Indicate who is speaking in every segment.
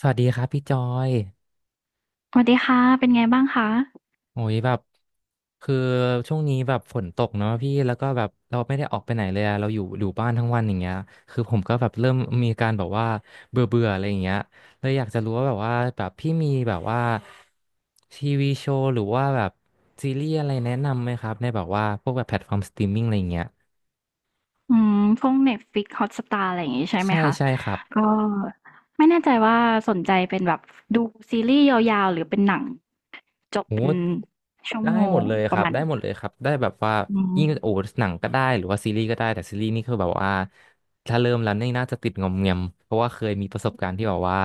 Speaker 1: สวัสดีครับพี่จอย
Speaker 2: สวัสดีค่ะ เป็นไงบ้างคะ
Speaker 1: โอ้ยแบบคือช่วงนี้แบบฝนตกเนาะพี่แล้วก็แบบเราไม่ได้ออกไปไหนเลยอะเราอยู่บ้านทั้งวันอย่างเงี้ยคือผมก็แบบเริ่มมีอการแบบว่าเบื่อเบื่ออะไรอย่างเงี้ยเลยอยากจะรู้ว่าแบบว่าแบบพี่มีแบบว่าทีวีโชว์หรือว่าแบบซีรีส์อะไรแนะนำไหมครับในแบบว่าพวกแบบแพลตฟอร์มสตรีมมิ่งอะไรอย่างเงี้ย
Speaker 2: อืมพวก Netflix Hotstar อะไรอย่างงี้ใช่ไหม
Speaker 1: ใช่
Speaker 2: คะ
Speaker 1: ใช่ครับ
Speaker 2: ก็ไม่แน่ใจว่าสนใจเป็นแบบดูซีรีส์ยาวๆหรือเป็นหนังจบ
Speaker 1: โอ้
Speaker 2: เป็นชั่ว
Speaker 1: ได้
Speaker 2: โม
Speaker 1: หม
Speaker 2: ง
Speaker 1: ดเลย
Speaker 2: ป
Speaker 1: ค
Speaker 2: ระ
Speaker 1: รับ
Speaker 2: มาณ
Speaker 1: ได้ห
Speaker 2: เนี้
Speaker 1: ม
Speaker 2: ย
Speaker 1: ดเลยครับได้แบบว่า
Speaker 2: อืม
Speaker 1: ยิ่งโอ้หนังก็ได้หรือว่าซีรีส์ก็ได้แต่ซีรีส์นี่คือแบบว่าถ้าเริ่มแล้วนี่น่าจะติดงอมแงมเพราะว่าเคยมีประสบการณ์ที่แบบว่า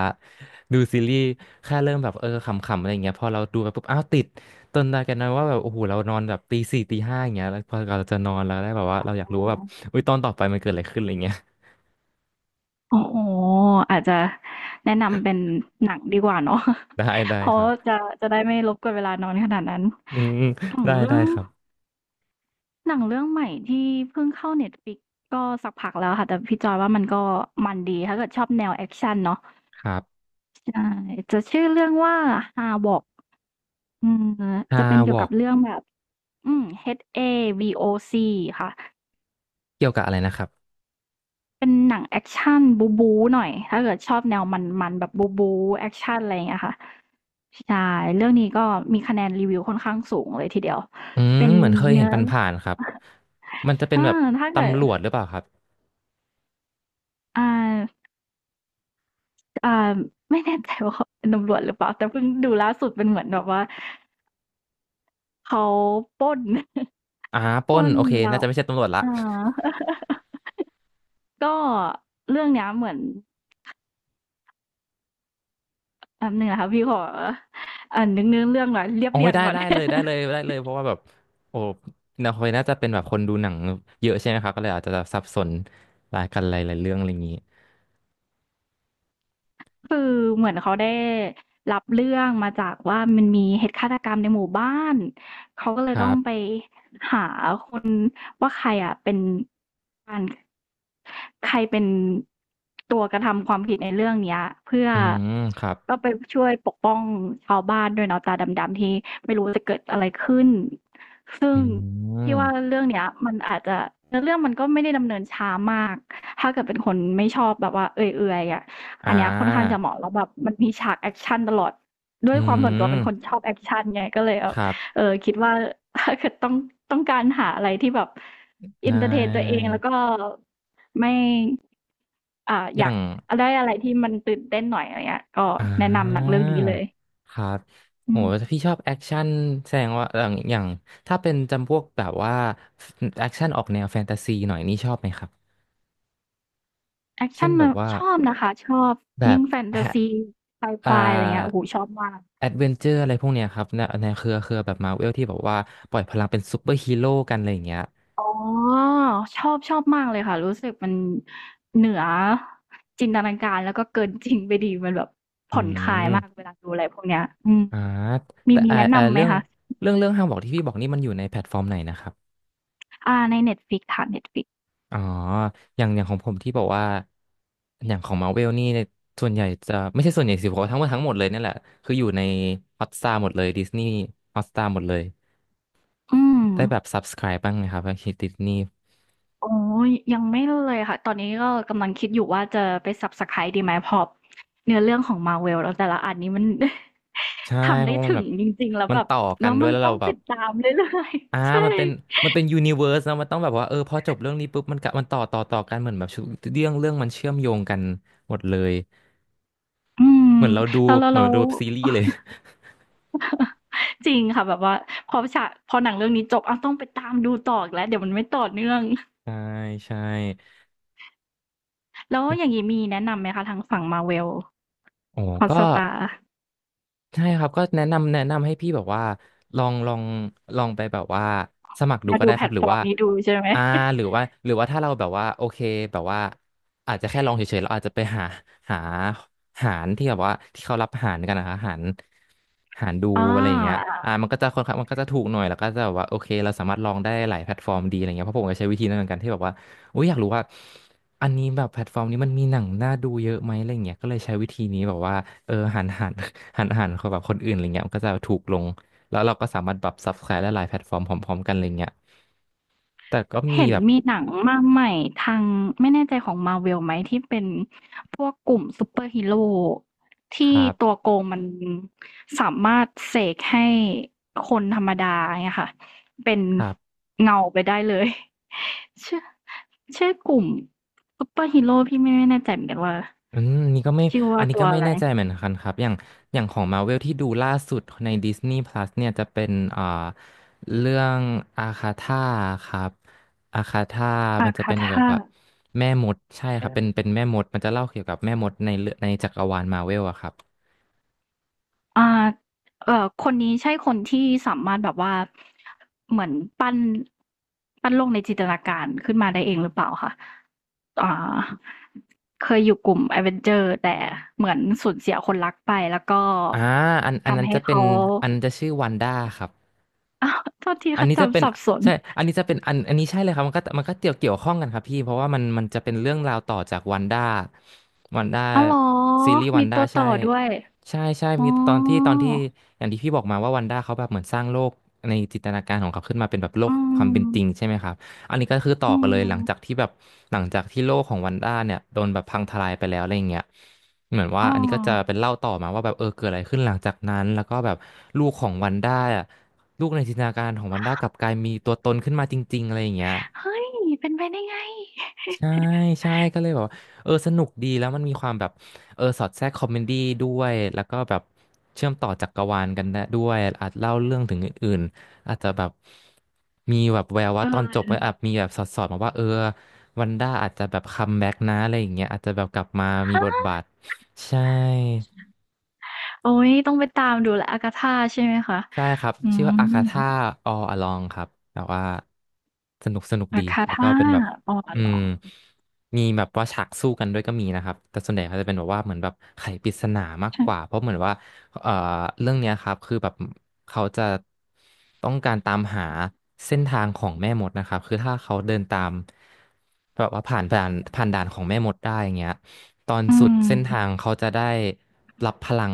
Speaker 1: ดูซีรีส์แค่เริ่มแบบเออขำๆอะไรอย่างเงี้ยพอเราดูไปปุ๊บอ้าวติดจนได้กันนะว่าแบบโอ้โหเรานอนแบบตีสี่ตีห้าอย่างเงี้ยแล้วพอเราจะนอนแล้วได้แบบว่าเราอยากรู้ว่าแบบอุ้
Speaker 2: โ
Speaker 1: ยตอนต่อไปมันเกิดอะไรขึ้นอะไรเงี้ย
Speaker 2: อ้โหอาจจะแนะนำเป็นหนังดีกว่าเนาะ
Speaker 1: ได้ได้
Speaker 2: เพราะ
Speaker 1: ครับ
Speaker 2: จะจะได้ไม่รบกวนเวลานอนขนาดนั้น
Speaker 1: อืม
Speaker 2: ของ
Speaker 1: ได้
Speaker 2: เรื่อ
Speaker 1: ได้
Speaker 2: ง
Speaker 1: ครับ
Speaker 2: หนังเรื่องใหม่ที่เพิ่งเข้าเน็ตฟ i ิกก็สักพักแล้วค่ะ แต่พี่จอยว่ามันมันดีถ้าเกิดชอบแนวแอคชั่นเนาะ
Speaker 1: ครับ
Speaker 2: ใช่จะชื่อเรื่องว่า Havok อืม
Speaker 1: ฮา
Speaker 2: จะเป็น
Speaker 1: ว
Speaker 2: เกี่ยว
Speaker 1: อ
Speaker 2: กั
Speaker 1: ก
Speaker 2: บเรื่องแบบHAVOC ค่ะ
Speaker 1: เกี่ยวกับอะไรนะครับ
Speaker 2: เป็นหนังแอกชันบู๊บู๊หน่อยถ้าเกิดชอบแนวมันๆแบบบู๊บู๊แอกชันอะไรอย่างเงี้ยค่ะใช่เรื่องนี้ก็มีคะแนนรีวิวค่อนข้างสูงเลยทีเดียว
Speaker 1: อืม
Speaker 2: เป็น
Speaker 1: เหมือนเคย
Speaker 2: เนื้
Speaker 1: เห็น
Speaker 2: อ
Speaker 1: ผ่านๆครับ มันจะเป็น
Speaker 2: อา
Speaker 1: แบบ
Speaker 2: ถ้าเกิด
Speaker 1: ตำรวจหรือเปล่าครับ
Speaker 2: อ่าอ่าไม่แน่ใจว่าเขาเป็นตำรวจหรือเปล่าแต่เพิ่งดูล่าสุดเป็นเหมือนแบบว่าเขาปล้น
Speaker 1: อ่าป
Speaker 2: ป
Speaker 1: ล้
Speaker 2: ล้
Speaker 1: น
Speaker 2: น
Speaker 1: โอเค
Speaker 2: แล้
Speaker 1: น่า
Speaker 2: ว
Speaker 1: จะไม่ใช่ตำรวจละ
Speaker 2: อ า ก็เรื่องเนี้ยเหมือนแป๊บหนึงนะคะพี่ขออ่านนึกเนื้อเรื่องหน่อยเรียบ
Speaker 1: โอ้
Speaker 2: เรี
Speaker 1: ย
Speaker 2: ยง
Speaker 1: ได้
Speaker 2: ก่อน
Speaker 1: ได้ เลยได้เลยได้เลยเพราะว่าแบบโอ้นาคอยน่าจะเป็นแบบคนดูหนังเยอะใช่ไหมครับก็เลยอาจจะสับสนรายกันหลายๆเรื่องอะไรอย่างนี้
Speaker 2: คือเหมือนเขาได้รับเรื่องมาจากว่ามันมีเหตุฆาตกรรมในหมู่บ้านเขาก็เล
Speaker 1: ค
Speaker 2: ย
Speaker 1: รั
Speaker 2: ต้องไป
Speaker 1: บ
Speaker 2: หาคนว่าใครอ่ะเป็นการ ใครเป็นตัวกระทำความผิดในเรื่องเนี้ยเพื่อ
Speaker 1: อืมครับ
Speaker 2: ก็ไปช่วยปกป้องชาวบ้านด้วยเนาะตาดำๆที่ไม่รู้จะเกิดอะไรขึ้นซึ่
Speaker 1: อื
Speaker 2: งพี่ว่า
Speaker 1: ม
Speaker 2: เรื่องเนี้ยมันอาจจะเรื่องมันก็ไม่ได้ดำเนินช้ามากถ้าเกิดเป็นคนไม่ชอบแบบว่าเอื่อยๆอ่ะ
Speaker 1: อ่
Speaker 2: อันเนี้ยค่อนข้าง
Speaker 1: า
Speaker 2: จะเหมาะแล้วแบบมันมีฉากแอคชั่นตลอดด้ว
Speaker 1: อื
Speaker 2: ยความส่วนตัวเป็นคน
Speaker 1: ม
Speaker 2: ชอบแอคชั่นไงก็เลยแบ
Speaker 1: ค
Speaker 2: บ
Speaker 1: รับ
Speaker 2: เออคิดว่าถ้าเกิดต้องการหาอะไรที่แบบเอิน
Speaker 1: นา
Speaker 2: เตอร์เทนตัวเองแล้วก็
Speaker 1: ย
Speaker 2: ไม่อ่า
Speaker 1: อ
Speaker 2: อยา
Speaker 1: ย่า
Speaker 2: ก
Speaker 1: ง
Speaker 2: ได้อะไรที่มันตื่นเต้นหน่อยอะไรเงี้ยก็
Speaker 1: อ่
Speaker 2: แนะนำหนัง
Speaker 1: า
Speaker 2: เรื่องนี้เลย
Speaker 1: ครับ
Speaker 2: อื
Speaker 1: โห
Speaker 2: ม
Speaker 1: ถ้าพี่ชอบแอคชั่นแสดงว่าอย่างถ้าเป็นจำพวกแบบว่าแอคชั่นออกแนวแฟนตาซีหน่อยนี่ชอบไหมครับ
Speaker 2: แอก
Speaker 1: เช่
Speaker 2: ชั
Speaker 1: น
Speaker 2: น
Speaker 1: แบ
Speaker 2: น
Speaker 1: บว่า
Speaker 2: ชอบนะคะ ชอบ
Speaker 1: แบ
Speaker 2: ยิ่
Speaker 1: บ
Speaker 2: งแฟนตา
Speaker 1: แฮะ
Speaker 2: ซีไซไฟ
Speaker 1: อ่า
Speaker 2: อะไรเงี้ยโอ้โฮชอบมาก
Speaker 1: แอดเวนเจอร์อะไรพวกเนี้ยครับในในเครือแบบมาเวลที่แบบว่าปล่อยพลังเป็นซูเปอร์ฮีโร่กันอะไรอย่างเงี้ย
Speaker 2: อ๋อชอบมากเลยค่ะ รู้สึกมันเหนือจินตนาการแล้วก็เกินจริงไปดีมันแบบ
Speaker 1: อื
Speaker 2: ผ่อนคลายมาก
Speaker 1: ม
Speaker 2: เวลาดูอะไรพวกเนี้ย
Speaker 1: อ่า
Speaker 2: มี
Speaker 1: แต่
Speaker 2: มีแนะนำไหม
Speaker 1: เรื่อง
Speaker 2: คะ
Speaker 1: เรื่องห้างบอกที่พี่บอกนี่มันอยู่ในแพลตฟอร์มไหนนะครับ
Speaker 2: อ่า ใน Netflix ค่ะ Netflix
Speaker 1: อ๋ออย่างของผมที่บอกว่าอย่างของมาเวลนี่ส่วนใหญ่จะไม่ใช่ส่วนใหญ่สิผมว่าทั้งหมดเลยเนี่ยแหละคืออยู่ในฮอตสตาร์หมดเลยดิสนีย์ฮอตสตาร์หมดเลย
Speaker 2: อืม
Speaker 1: ได้แบบ subscribe บ้างไหมครับคิดดิสนีย์
Speaker 2: อ๋อยังไม่เลยค่ะ ตอนนี้ก็กำลังคิดอยู่ว่าจะไป Subscribe ดีไหมพอเนื้อเรื่องของ Marvel แล้วแต่ละอันนี้มัน
Speaker 1: ใช่
Speaker 2: ทำ
Speaker 1: เพ
Speaker 2: ได้
Speaker 1: ราะว่ามั
Speaker 2: ถึ
Speaker 1: นแบ
Speaker 2: ง
Speaker 1: บ
Speaker 2: จริงๆแล้ว
Speaker 1: มัน
Speaker 2: แบบ
Speaker 1: ต่อกั
Speaker 2: แล้
Speaker 1: น
Speaker 2: ว
Speaker 1: ด้ว
Speaker 2: มั
Speaker 1: ย
Speaker 2: น
Speaker 1: แล้ว
Speaker 2: ต้
Speaker 1: เรา
Speaker 2: อง
Speaker 1: แบ
Speaker 2: ติ
Speaker 1: บ
Speaker 2: ดตามเรื่อย
Speaker 1: อ่า
Speaker 2: ๆ ใช่
Speaker 1: มันเป็นมันเป็นยูนิเวอร์สนะมันต้องแบบว่าเออพอจบเรื่องนี้ปุ๊บมันกะมันต่อกันเหมือนแบบชุดเรื่องเรื่องมันเชื่อมโยงกันหมดเลย
Speaker 2: อืม
Speaker 1: เหมือนเราดู
Speaker 2: แล้วแล้ว
Speaker 1: เหมือ
Speaker 2: แล้
Speaker 1: นเรา
Speaker 2: ว
Speaker 1: ดูแบบซีรีส์เลย
Speaker 2: จริงค่ะแบบว่าพอฉากพอหนังเรื่องนี้จบอ้าวต้องไปตามดูต่ออีกแล้วเดี๋ยวมันไม่ต่อเนื่อง
Speaker 1: ใช่ใช่
Speaker 2: แล้วอย่างงี้มีแนะนำไหมคะทางฝั่ง Marvel
Speaker 1: โอ้ก็
Speaker 2: Hotstar
Speaker 1: ใช่ครับก็แนะนำให้พี่แบบว่าลองลองลองไปแบบว่าสมัครดู
Speaker 2: มา
Speaker 1: ก็
Speaker 2: ดู
Speaker 1: ได้
Speaker 2: แพ
Speaker 1: ค
Speaker 2: ล
Speaker 1: รับ
Speaker 2: ต
Speaker 1: หรื
Speaker 2: ฟ
Speaker 1: อ
Speaker 2: อร์ม
Speaker 1: ว่า
Speaker 2: นี้ดูใช่ไหม
Speaker 1: อ่าหรือ ว่าหรือว่าถ้าเราแบบว่าโอเคแบบว่าอาจจะแค่ลองเฉยๆเราอาจจะไปหาหาหารที่แบบว่าที่เขารับหารกันนะคะหารดู
Speaker 2: อ
Speaker 1: อะไรอย่างเงี้ย
Speaker 2: า
Speaker 1: มันก็จะค่อนข้างมันก็จะถูกหน่อยแล้วก็จะแบบว่าโอเคเราสามารถลองได้หลายแพลตฟอร์มดีอะไรเงี้ยเพราะผมก็ใช้วิธีนั้นเหมือนกันที่แบบว่า อุ้ยอยากรู้ว่าอันนี้แบบแพลตฟอร์มนี้มันมีหนังน่าดูเยอะไหมอะไรเงี้ยก็เลยใช้วิธีนี้แบบว่าเออหัน หันขอแบบคนอื่นอะไรเงี้ยมันก็จะถูกลงแล้วเราก็สามารถแบบ subscribe ได้หลายแพลตฟอร์มพร้อมๆกันอะไรเงี้ยแต่ก็มี
Speaker 2: เห็น
Speaker 1: แบบ
Speaker 2: มีหนังมาใหม่ทางไม่แน่ใจของ Marvel ไหมที่เป็นพวกกลุ่มซูเปอร์ฮีโร่
Speaker 1: ค
Speaker 2: ที่
Speaker 1: รั
Speaker 2: ตัว
Speaker 1: บ
Speaker 2: โกงมันสามารถเสกให้คนธรรมดาเนี่ยค่ะเป็น
Speaker 1: ครับ
Speaker 2: เงาไปได้เลย ชื่อชื่อกลุ่มซูเปอร์ฮีโร่พี่ไม่แน่ใจเหมือนกันว่า
Speaker 1: อืมนี่ก็ไม่
Speaker 2: ชื่อ
Speaker 1: อั
Speaker 2: ว่า
Speaker 1: นนี้
Speaker 2: ตั
Speaker 1: ก็
Speaker 2: ว
Speaker 1: ไม่
Speaker 2: อะไร
Speaker 1: แน่ใจเหมือนกันครับอย่างของมาเวลที่ดูล่าสุดใน Disney Plus เนี่ยจะเป็นเรื่องอาคาธาครับอาคาธามั
Speaker 2: อา
Speaker 1: นจะ
Speaker 2: คา
Speaker 1: เป็นเกี่ยว
Speaker 2: ธา
Speaker 1: กับแม่มดใช่ครับเป็นแม่มดมันจะเล่าเกี่ยวกับแม่มดในเรื่องในจักรวาลมาเวลอะครับ
Speaker 2: อ่าเอ่อคนนี้ใช่คนที่สามารถแบบว่าเหมือนปั้นปั้นโลกในจินตนาการขึ้นมาได้เองหรือเปล่าคะอ่าเคยอยู่กลุ่ม Avenger แต่เหมือนสูญเสียคนรักไปแล้วก็
Speaker 1: อ่าอันนั้
Speaker 2: ทำ
Speaker 1: น
Speaker 2: ให้
Speaker 1: จะเป็น
Speaker 2: เขา
Speaker 1: อันนั้นจะชื่อวันด้าครับ
Speaker 2: อ้าวโทษที
Speaker 1: อัน
Speaker 2: ค่ะ
Speaker 1: นี้จะเป็
Speaker 2: จำ
Speaker 1: น
Speaker 2: สับสน
Speaker 1: ใช่อันนี้จะเป็นอันนี้ใช่เลยครับมันก็เกี่ยวข้องกันครับพี่เพราะว่ามันจะเป็นเรื่องราวต่อจากวันด้าวันด้า
Speaker 2: อ้าวเหรอ
Speaker 1: ซีรีส์วั
Speaker 2: มี
Speaker 1: นด้า
Speaker 2: ตัวต่
Speaker 1: ใช่
Speaker 2: อด้วย
Speaker 1: ใช่
Speaker 2: อ๋อ
Speaker 1: มีตอนที่อย่างที่พี่บอกมาว่าวันด้าเขาแบบเหมือนสร้างโลกในจินตนาการของเขาขึ้นมาเป็นแบบโลก
Speaker 2: อื
Speaker 1: ความเป็นจริง
Speaker 2: ม
Speaker 1: ใช่ไหมครับอันนี้ก็คือต่อ
Speaker 2: อื
Speaker 1: กันเลย
Speaker 2: ม
Speaker 1: หลังจากที่แบบหลังจากที่โลกของวันด้าเนี่ยโดนแบบพังทลายไปแล้วอะไรอย่างเงี้ยเหมือนว่า
Speaker 2: อ้อ
Speaker 1: อันนี้ก็จะเป็นเล่าต่อมาว่าแบบเกิดอะไรขึ้นหลังจากนั้นแล้วก็แบบลูกของวันด้าอะ ลูกในจินตนาการของวันด้ากลับกลายมีตัวตนขึ้นมาจริงๆอะไรอย่างเงี้ย
Speaker 2: เฮ้ยเป็นไปได้ไง
Speaker 1: ใช่ใช่ก็เลยแบบว่าสนุกดีแล้วมันมีความแบบสอดแทรกคอมเมดี้ด้วยแล้วก็แบบเชื่อมต่อจักรวาลกันได้ด้วยอาจเล่าเรื่องถึงอื่นๆอาจจะแบบมีแบบแววว่า
Speaker 2: เอ
Speaker 1: ตอนจบมันอาจ
Speaker 2: อ
Speaker 1: มีแบบสอดมาว่าวันด้าอาจจะแบบคัมแบ็กนะอะไรอย่างเงี้ยอาจจะแบบกลับมามี
Speaker 2: ฮะ
Speaker 1: บทบาทใช่
Speaker 2: โอ๊ยต้องไปตามดูแล a g า t ธาใช่ไหมคะ
Speaker 1: ใช่ครับ
Speaker 2: อื
Speaker 1: ชื่อ
Speaker 2: ม
Speaker 1: ว่าอาคาธา all along ครับแต่ว่าสนุกสนุก
Speaker 2: อา
Speaker 1: ดี
Speaker 2: ก t
Speaker 1: แล้วก็
Speaker 2: ธา
Speaker 1: เป็นแบบ
Speaker 2: อ๋อ
Speaker 1: อื
Speaker 2: เหรอ
Speaker 1: มมีแบบว่าฉากสู้กันด้วยก็มีนะครับแต่ส่วนใหญ่เขาจะเป็นแบบว่าเหมือนแบบไขปริศนามาก
Speaker 2: ใช่
Speaker 1: กว่าเพราะเหมือนว่าเอ่อเรื่องเนี้ยครับคือแบบเขาจะต้องการตามหาเส้นทางของแม่มดนะครับคือถ้าเขาเดินตามแบบว่าผ่านด่านของแม่มดได้อย่างเงี้ยตอน
Speaker 2: อื
Speaker 1: สุด
Speaker 2: ม
Speaker 1: เส้นทางเขาจะได้รับพลัง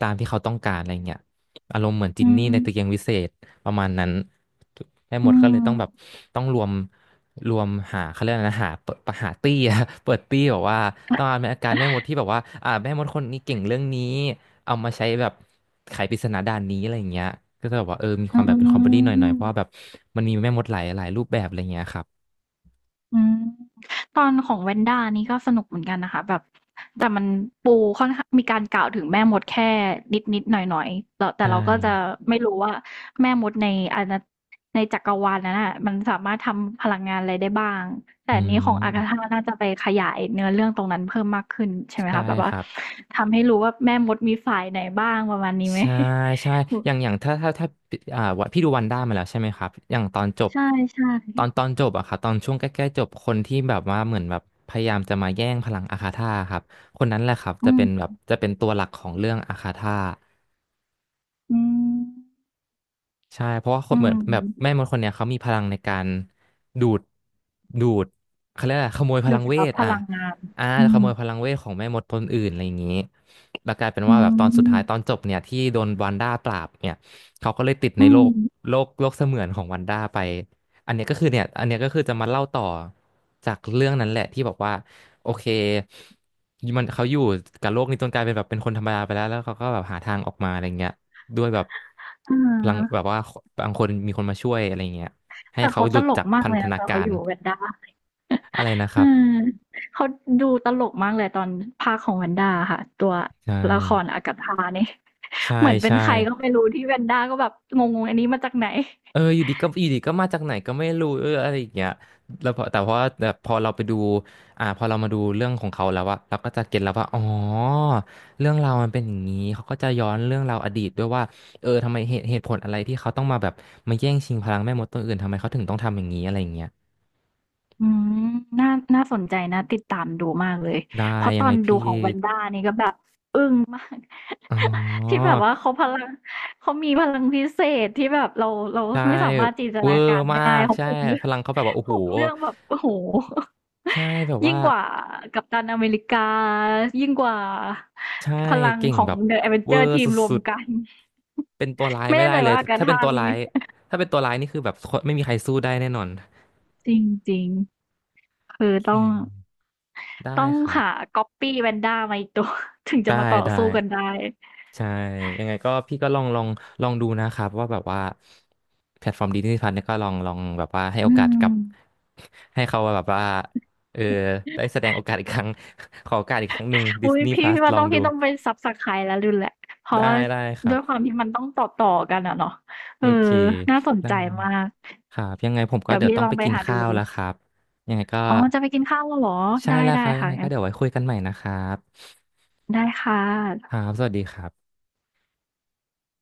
Speaker 1: ตามที่เขาต้องการอะไรเงี้ย อารมณ์เหมือนจิน
Speaker 2: อื
Speaker 1: นี่
Speaker 2: ม
Speaker 1: ในตะเกียงวิเศษประมาณนั้นให้หม
Speaker 2: อื
Speaker 1: ดก็เลย
Speaker 2: ม
Speaker 1: ต้องแบบต้องรวมหาเขาเรียกอะไรนะหาเปิดหาตี้อะ เปิดตี้แบบว่าต้องเอาอาการแม่มดที่แบบว่าแม่มดคนนี้เก่งเรื่องนี้เอามาใช้แบบไขปริศนาด่านนี้อะไรอย่างเงี้ยก็จะแบบว่ามีความแบ บเป็นคอมเม
Speaker 2: อื
Speaker 1: ดี้หน่อยๆเพราะว่าแบบ
Speaker 2: ม
Speaker 1: มันมีแม่มดหลายรูปแบบอะไรอย่างเงี้ยครับ
Speaker 2: อืมตอนของ w น n d a นี่ก็สนุกเหมือนกันนะคะแบบแต่มันปูค่อนข้างมีการกล่าวถึงแม่มดแค่นิดๆหน่อยหน่อยๆแต่
Speaker 1: ใช่
Speaker 2: เราก็จะไม่รู้ว่าแม่มดในอาณาในจักรวาลนั้นน่ะมันสามารถทำพลังงานอะไรได้บ้างแต่
Speaker 1: อื
Speaker 2: อันนี้ของอากาธา
Speaker 1: ม
Speaker 2: น่าจะไปขยายเนื้อเรื่องตรงนั้นเพิ่มมากขึ้นใช่ไหม
Speaker 1: ใช่
Speaker 2: คะแบบ
Speaker 1: ค
Speaker 2: ว่า
Speaker 1: รับ
Speaker 2: ทำให้รู้ว่าแม่มดมีฝ่ายไหนบ้างประมาณนี้ไหม
Speaker 1: ใช่ ใช่อย่างอย่างถ้าวัดพี่ดูวันด้ามาแล้วใช่ไหมครับอย่างตอนจบ
Speaker 2: ใช่ใช่
Speaker 1: ตอนจบอะครับตอนช่วงใกล้ๆจบคนที่แบบว่าเหมือนแบบพยายามจะมาแย่งพลังอาคาธาครับคนนั้นแหละครับ
Speaker 2: อื
Speaker 1: จะเป็นแบบ
Speaker 2: ม
Speaker 1: จะเป็นตัวหลักของเรื่องอาคาธา
Speaker 2: อืม
Speaker 1: ใช่เพราะว่าค
Speaker 2: อื
Speaker 1: นเหมือน
Speaker 2: ม
Speaker 1: แบบแม่มดคนเนี้ยเขามีพลังในการดูดดูดเขาเรียกอะไรขโมยพ
Speaker 2: ดู
Speaker 1: ลัง
Speaker 2: ด
Speaker 1: เว
Speaker 2: ซับ
Speaker 1: ท
Speaker 2: พ
Speaker 1: อ่ะ
Speaker 2: ลังงาน
Speaker 1: อ่า
Speaker 2: อื
Speaker 1: ขโม
Speaker 2: ม
Speaker 1: ยพลังเวทของแม่มดคนอื่นอะไรอย่างนี้แล้วกลายเป็น
Speaker 2: อื
Speaker 1: ว่าแบบตอนสุดท้ายตอน
Speaker 2: ม
Speaker 1: จบเนี่ยที่โดนวันด้าปราบเนี่ยเขาก็เลยติดใน
Speaker 2: อื
Speaker 1: โล
Speaker 2: ม
Speaker 1: กโลกเสมือนของวันด้าไปอันเนี้ยก็คือเนี่ยอันเนี้ยก็คือจะมาเล่าต่อจากเรื่องนั้นแหละที่บอกว่าโอเคมันเขาอยู่กับโลกนี้จนกลายเป็นแบบเป็นคนธรรมดาไปแล้วแล้วเขาก็แบบหาทางออกมาอะไรเงี้ย ด้วยแบบ
Speaker 2: อ
Speaker 1: พลังแบ
Speaker 2: า
Speaker 1: บว่าบางคนมีคนมาช่วยอะไรเงี้ยให้
Speaker 2: แต่
Speaker 1: เขา
Speaker 2: เขา
Speaker 1: ห
Speaker 2: ต
Speaker 1: ลุด
Speaker 2: ลก
Speaker 1: จาก
Speaker 2: มาก
Speaker 1: พัน
Speaker 2: เลย
Speaker 1: ธ
Speaker 2: อะ
Speaker 1: นา
Speaker 2: ตอน
Speaker 1: กา
Speaker 2: เขาอ
Speaker 1: ร
Speaker 2: ยู่กับแวนด้า
Speaker 1: อะไรนะค
Speaker 2: เอ
Speaker 1: รั
Speaker 2: อ
Speaker 1: บ
Speaker 2: เขาดูตลกมากเลยตอนพากย์ของแวนด้าอะค่ะตัว
Speaker 1: ใช่
Speaker 2: ละครอากาธานี่
Speaker 1: ใช่
Speaker 2: เหมือนเป็น
Speaker 1: ใช่
Speaker 2: ใครก็ไม่รู้ที่แวนด้าก็แบบงงๆอันนี้มาจากไหน
Speaker 1: อยู่ดีก็อยู่ดีก็มาจากไหนก็ไม่รู้อะไรอย่างเงี้ยแล้วพอแต่พอแบบพอเราไปดูพอเรามาดูเรื่องของเขาแล้วอะเราก็จะเก็ตแล้วว่าอ๋อเรื่องราวมันเป็นอย่างนี้เขาก็จะย้อนเรื่องราวอดีตด้วยว่าทำไมเหตุผลอะไรที่เขาต้องมาแบบมาแย่งชิงพลังแม่มดตัวอื่นทำไมเขาถึงต้องทำอย่างนี้อะไรอย่างเงี้ย
Speaker 2: อืมน่าน่าสนใจน่าติดตามดูมากเลย
Speaker 1: ได้
Speaker 2: เพราะต
Speaker 1: ยัง
Speaker 2: อ
Speaker 1: ไง
Speaker 2: นดู
Speaker 1: พี่
Speaker 2: ของแวนด้านี่ก็แบบ
Speaker 1: อ๋
Speaker 2: ที่
Speaker 1: อ
Speaker 2: แบบว่าเขาพลังเขามีพลังพิเศษที่แบบเรา
Speaker 1: ใช่
Speaker 2: ไม่สามารถจินต
Speaker 1: เว
Speaker 2: นา
Speaker 1: อร์
Speaker 2: การ
Speaker 1: มา
Speaker 2: ได้
Speaker 1: ก
Speaker 2: เขา
Speaker 1: ใช่
Speaker 2: ผูกเรื่อ
Speaker 1: พ
Speaker 2: ง
Speaker 1: ลังเขาแบบว่าโอ้
Speaker 2: ผู
Speaker 1: โห
Speaker 2: กเรื่องแบบโอ้โห
Speaker 1: ใช่แบบ
Speaker 2: ยิ่
Speaker 1: ว่า
Speaker 2: งกว่ากัปตันอเมริกายิ่งกว่า
Speaker 1: ใช่
Speaker 2: พลัง
Speaker 1: เก่ง
Speaker 2: ขอ
Speaker 1: แบ
Speaker 2: ง
Speaker 1: บ
Speaker 2: เดอะ v อเวน
Speaker 1: เว
Speaker 2: เจ
Speaker 1: อ
Speaker 2: อร์
Speaker 1: ร์
Speaker 2: ที
Speaker 1: ส
Speaker 2: มรว
Speaker 1: ุ
Speaker 2: ม
Speaker 1: ด
Speaker 2: กัน
Speaker 1: ๆเป็นตัวร้าย
Speaker 2: ไม่
Speaker 1: ไม่
Speaker 2: แน่
Speaker 1: ได้
Speaker 2: ใจ
Speaker 1: เลย
Speaker 2: ว่าอากา
Speaker 1: ถ้าเป็น
Speaker 2: ธา
Speaker 1: ตัว
Speaker 2: นี้
Speaker 1: ร้ายถ้าเป็นตัวร้ายนี่คือแบบไม่มีใครสู้ได้แน่นอน
Speaker 2: จริงๆคือ
Speaker 1: โอเค
Speaker 2: ต้อง
Speaker 1: ได้
Speaker 2: ต้อง
Speaker 1: ครับ
Speaker 2: หาก๊อปปี้แวนด้ามาอีกตัว ถึงจะ
Speaker 1: ได้
Speaker 2: มาต่อ
Speaker 1: ได้
Speaker 2: สู้กันได้
Speaker 1: ใช่ยังไงก็พี่ก็ลองดูนะครับว่าแบบว่าแพลตฟอร์มดิสนีย์พัทเนี่ยก็ลองลองแบบว่าให้
Speaker 2: อื
Speaker 1: โอกาสกั
Speaker 2: ม
Speaker 1: บ ให้เขาแบบว่าเออได้แสดงโอกาสอีกครั้ง ขอโอกาสอีกครั้งหนึ่งดิ
Speaker 2: อุ้
Speaker 1: ส
Speaker 2: ย
Speaker 1: นีย์พ
Speaker 2: พี่
Speaker 1: ลัส
Speaker 2: พี่ว่า
Speaker 1: ลอ
Speaker 2: ต้
Speaker 1: ง
Speaker 2: อง
Speaker 1: ดู
Speaker 2: พี่ต้องไปซับสไครต์แล้วลืนแหละเพราะ
Speaker 1: ได้
Speaker 2: ว่า
Speaker 1: ได้ครั
Speaker 2: ด้ว
Speaker 1: บ
Speaker 2: ยความที่มันต้องต่อกันอะเนาะเอ
Speaker 1: โอ
Speaker 2: อ
Speaker 1: เค
Speaker 2: น่าสน
Speaker 1: ได้
Speaker 2: ใจมาก
Speaker 1: ครับยังไงผมก็
Speaker 2: เดี๋ยว
Speaker 1: เดี๋ยว
Speaker 2: พี่
Speaker 1: ต้อ
Speaker 2: ล
Speaker 1: ง
Speaker 2: อ
Speaker 1: ไป
Speaker 2: งไป
Speaker 1: กิน
Speaker 2: หา
Speaker 1: ข้า
Speaker 2: ดู
Speaker 1: วแล้วครับยังไงก็
Speaker 2: อ๋อจะไปกินข้าวแล้วเหรอ
Speaker 1: ใช่
Speaker 2: ได้
Speaker 1: แล้ว
Speaker 2: ได้
Speaker 1: ครับยัง
Speaker 2: ค่ะ
Speaker 1: ไงก็
Speaker 2: งั้น
Speaker 1: เดี๋ยวไว้คุยกันใหม่นะครับ
Speaker 2: ได้ค่
Speaker 1: ค
Speaker 2: ะ
Speaker 1: รับสวัสดีครับ